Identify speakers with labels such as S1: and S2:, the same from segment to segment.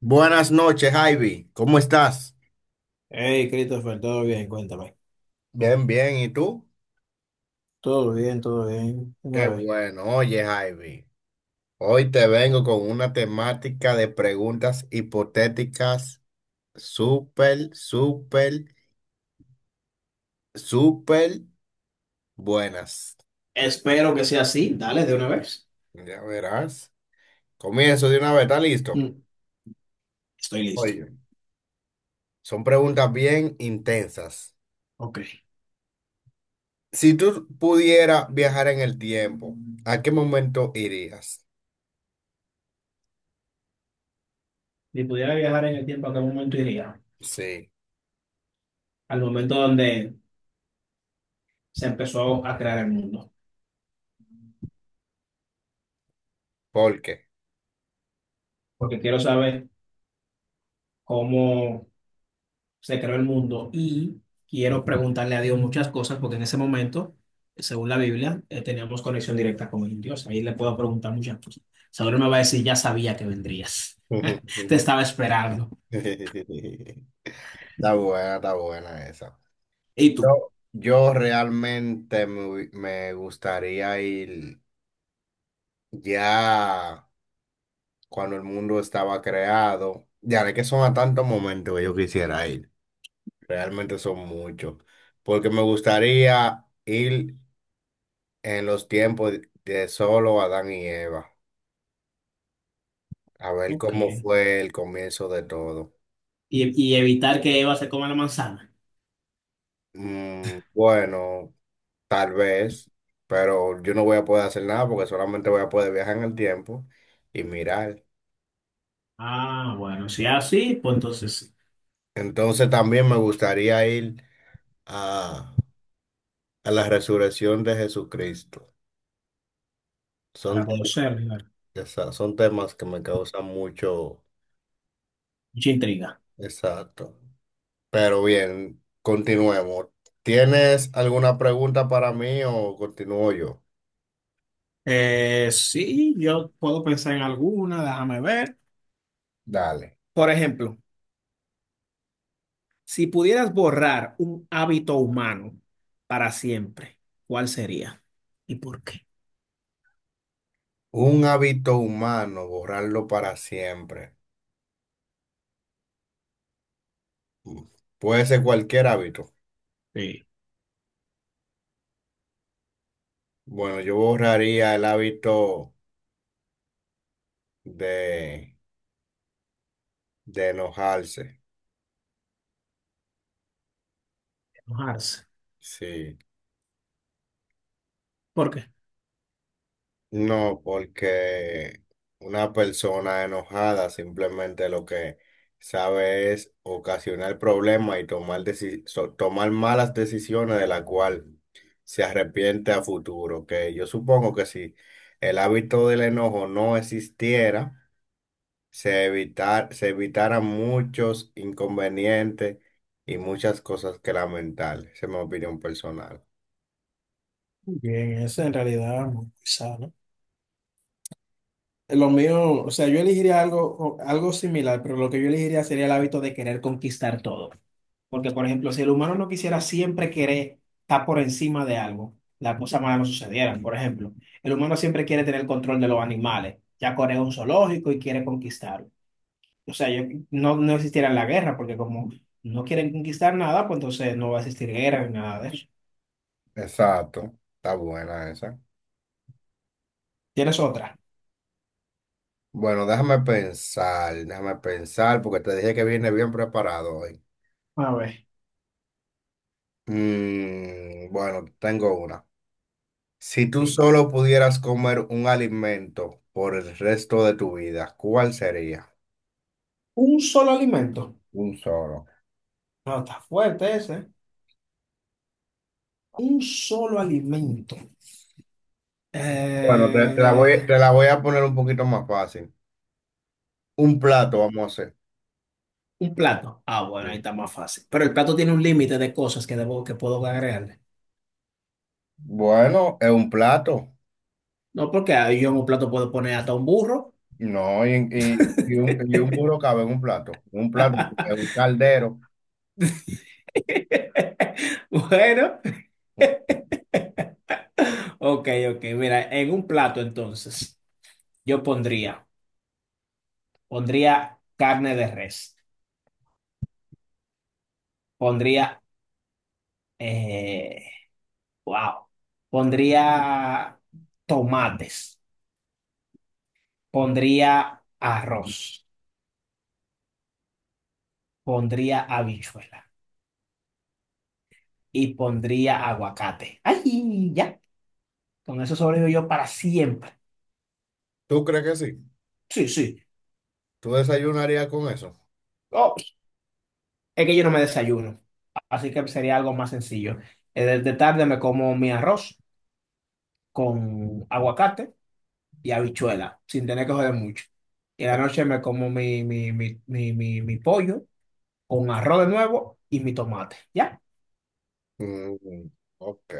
S1: Buenas noches, Ivy. ¿Cómo estás?
S2: Hey, Christopher, todo bien, cuéntame.
S1: Bien, bien. ¿Y tú?
S2: Todo bien, todo bien. Dime
S1: Qué
S2: a ver.
S1: bueno. Oye, Ivy, hoy te vengo con una temática de preguntas hipotéticas súper, súper, súper buenas.
S2: Espero que sea así. Dale, de una vez.
S1: Ya verás. Comienzo de una vez. ¿Está listo?
S2: Mm, estoy listo.
S1: Oye. Son preguntas bien intensas.
S2: Ok.
S1: Si tú pudieras viajar en el tiempo, ¿a qué momento irías?
S2: Si pudiera viajar en el tiempo, ¿a qué momento iría?
S1: Sí.
S2: Al momento donde se empezó a crear el mundo.
S1: ¿Por qué?
S2: Porque quiero saber cómo se creó el mundo y quiero preguntarle a Dios muchas cosas porque en ese momento, según la Biblia, teníamos conexión directa con el Dios. Ahí le puedo preguntar muchas cosas. Seguro me va a decir, ya sabía que vendrías. Te estaba esperando.
S1: Está buena esa.
S2: ¿Y tú?
S1: Yo realmente me gustaría ir ya cuando el mundo estaba creado. Ya de que son a tantos momentos que yo quisiera ir. Realmente son muchos. Porque me gustaría ir en los tiempos de solo Adán y Eva. A ver
S2: Ok.
S1: cómo
S2: Y,
S1: fue el comienzo de todo.
S2: y evitar que Eva se coma la manzana.
S1: Mm, bueno. Tal vez, pero yo no voy a poder hacer nada porque solamente voy a poder viajar en el tiempo y mirar.
S2: Ah, bueno, si es así, pues entonces sí.
S1: Entonces también me gustaría ir a, a la resurrección de Jesucristo. Son
S2: Para
S1: temas,
S2: conocer, claro.
S1: son temas que me causan mucho
S2: Mucha intriga.
S1: exacto. Pero bien, continuemos. ¿Tienes alguna pregunta para mí o continúo yo?
S2: Sí, yo puedo pensar en alguna, déjame ver.
S1: Dale.
S2: Por ejemplo, si pudieras borrar un hábito humano para siempre, ¿cuál sería? ¿Y por qué?
S1: Un hábito humano, borrarlo para siempre. Mm. Puede ser cualquier hábito.
S2: Sí.
S1: Bueno, yo borraría el hábito de, de enojarse.
S2: Enojarse.
S1: Sí.
S2: ¿Por qué?
S1: No, porque una persona enojada simplemente lo que sabe es ocasionar problemas y tomar malas decisiones de la cual se arrepiente a futuro. Que yo supongo que si el hábito del enojo no existiera, se evitaran muchos inconvenientes y muchas cosas que lamentar. Esa es mi opinión personal.
S2: Muy bien, eso en realidad es muy sano. Lo mío, o sea, yo elegiría algo, algo similar, pero lo que yo elegiría sería el hábito de querer conquistar todo. Porque, por ejemplo, si el humano no quisiera siempre querer estar por encima de algo, las cosas malas no sucedieran. Por ejemplo, el humano siempre quiere tener control de los animales. Ya corre un zoológico y quiere conquistarlo. O sea, yo, no existiera la guerra, porque como no quieren conquistar nada, pues entonces no va a existir guerra ni nada de eso.
S1: Exacto, está buena esa.
S2: ¿Tienes otra?
S1: Bueno, déjame pensar, porque te dije que viene bien preparado hoy.
S2: A ver,
S1: Mm, bueno, tengo una. Si tú
S2: sí.
S1: solo pudieras comer un alimento por el resto de tu vida, ¿cuál sería?
S2: Un solo alimento.
S1: Un solo.
S2: No, está fuerte ese. Un solo alimento.
S1: Bueno,
S2: Eh,
S1: te la voy a poner un poquito más fácil. Un plato, vamos a hacer.
S2: Un plato. Ah, bueno, ahí está más fácil. Pero
S1: Sí.
S2: el plato tiene un límite de cosas que que puedo agregarle.
S1: Bueno, es un plato,
S2: No, porque ahí yo en un plato puedo poner hasta un burro.
S1: no, y un burro cabe en un plato, es un caldero.
S2: Bueno, ok, ok. Mira, en un plato entonces, yo pondría, pondría carne de res, pondría, eh, wow, pondría tomates, pondría arroz, pondría habichuela y pondría aguacate. ¡Ay, ya! Con eso sobrevivo yo para siempre.
S1: ¿Tú crees que sí?
S2: Sí, sí.
S1: ¿Tú desayunarías con eso?
S2: Oh, es que yo no me desayuno. Así que sería algo más sencillo. De tarde me como mi arroz con aguacate y habichuela, sin tener que joder mucho. Y en la noche me como mi pollo con arroz de nuevo y mi tomate. Ya,
S1: Mm, ok,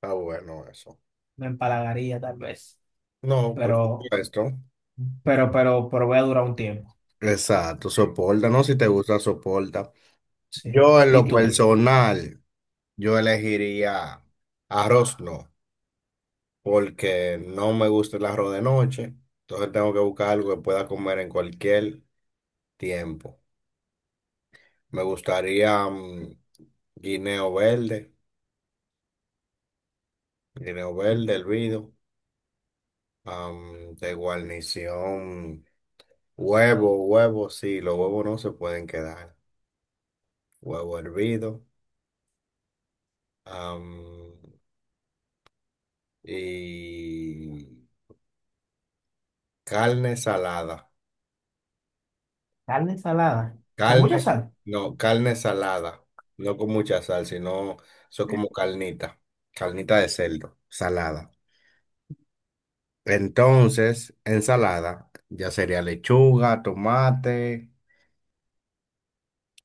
S1: está bueno eso.
S2: me empalagaría tal vez.
S1: No, por
S2: Pero,
S1: supuesto.
S2: pero voy a durar un tiempo.
S1: Exacto, soporta, ¿no? Si te gusta, soporta.
S2: Sí.
S1: Yo en
S2: ¿Y
S1: lo
S2: tú?
S1: personal, yo elegiría arroz, no, porque no me gusta el arroz de noche, entonces tengo que buscar algo que pueda comer en cualquier tiempo. Me gustaría guineo verde, guineo verde hervido, de guarnición, huevo, sí, los huevos no se pueden quedar. Huevo hervido, am, y carne salada.
S2: Carne salada. Con mucha
S1: Carne,
S2: sal.
S1: no, carne salada, no con mucha sal, sino eso como carnita, carnita de cerdo, salada. Entonces, ensalada, ya sería lechuga, tomate.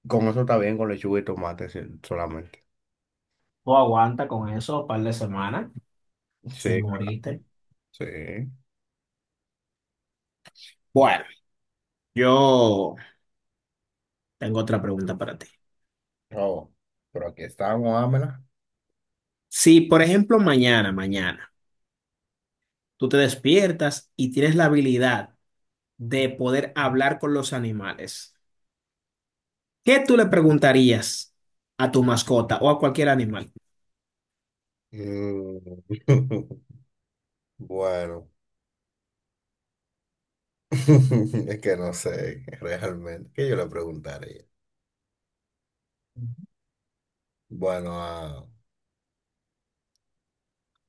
S1: Con eso está bien, con lechuga y tomate sí, solamente.
S2: Tú aguanta con eso un par de semanas sin
S1: Sí, claro.
S2: morirte.
S1: Sí.
S2: Bueno, yo tengo otra pregunta para ti.
S1: Oh, pero aquí estamos, Ámela.
S2: Si, por ejemplo, mañana, tú te despiertas y tienes la habilidad de poder hablar con los animales, ¿qué tú le preguntarías a tu mascota o a cualquier animal?
S1: Mm. Bueno, es que no sé realmente. ¿Qué yo le preguntaría? Bueno,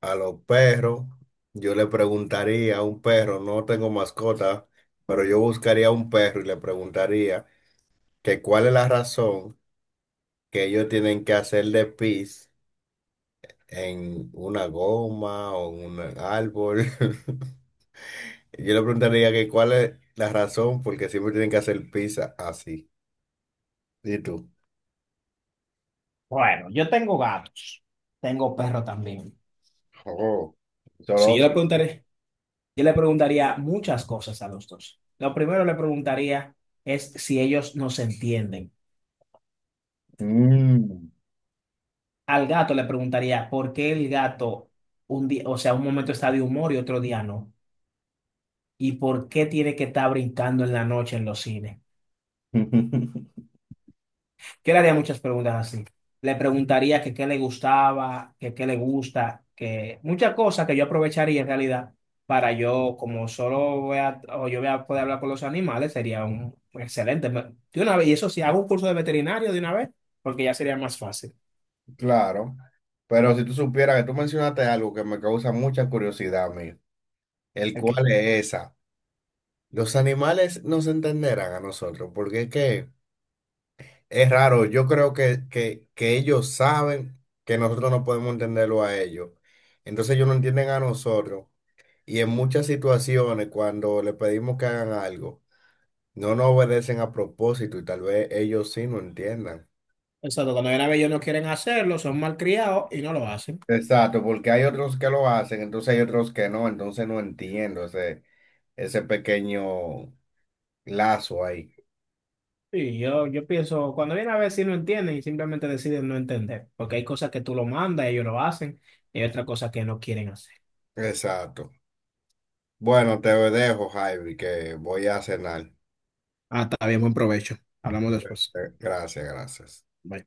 S1: a los perros, yo le preguntaría a un perro, no tengo mascota, pero yo buscaría a un perro y le preguntaría que cuál es la razón que ellos tienen que hacer de pis en una goma o en un árbol. Yo le preguntaría que cuál es la razón porque siempre tienen que hacer pis así. ¿Y tú?
S2: Bueno, yo tengo gatos, tengo perro también.
S1: Oh,
S2: Si
S1: solo.
S2: yo le preguntaré, yo le preguntaría muchas cosas a los dos. Lo primero le preguntaría es si ellos nos entienden.
S1: Mm.
S2: Al gato le preguntaría por qué el gato un día, o sea, un momento está de humor y otro día no. Y por qué tiene que estar brincando en la noche en los cines. Yo le haría muchas preguntas así. Le preguntaría que qué le gustaba, que qué le gusta, que muchas cosas que yo aprovecharía en realidad para yo, como solo voy a, o yo voy a poder hablar con los animales, sería un excelente. De una vez, y eso sí, hago un curso de veterinario de una vez, porque ya sería más fácil.
S1: Claro. Pero si tú supieras que tú mencionaste algo que me causa mucha curiosidad a mí, el
S2: ¿El qué?
S1: cual es esa. Los animales nos entenderán a nosotros porque es que es raro, yo creo que ellos saben que nosotros no podemos entenderlo a ellos. Entonces ellos no entienden a nosotros. Y en muchas situaciones, cuando le pedimos que hagan algo, no nos obedecen a propósito y tal vez ellos sí no entiendan.
S2: Exacto, cuando viene a ver ellos no quieren hacerlo, son malcriados y no lo hacen.
S1: Exacto, porque hay otros que lo hacen, entonces hay otros que no, entonces no entiendo ese pequeño lazo ahí.
S2: Sí, yo pienso, cuando viene a ver si no entienden y simplemente deciden no entender, porque hay cosas que tú lo mandas, ellos lo hacen, y hay otras cosas que no quieren hacer.
S1: Exacto. Bueno, te dejo, Javi, que voy a cenar.
S2: Ah, está bien, buen provecho. Hablamos después.
S1: Gracias, gracias.
S2: Bye.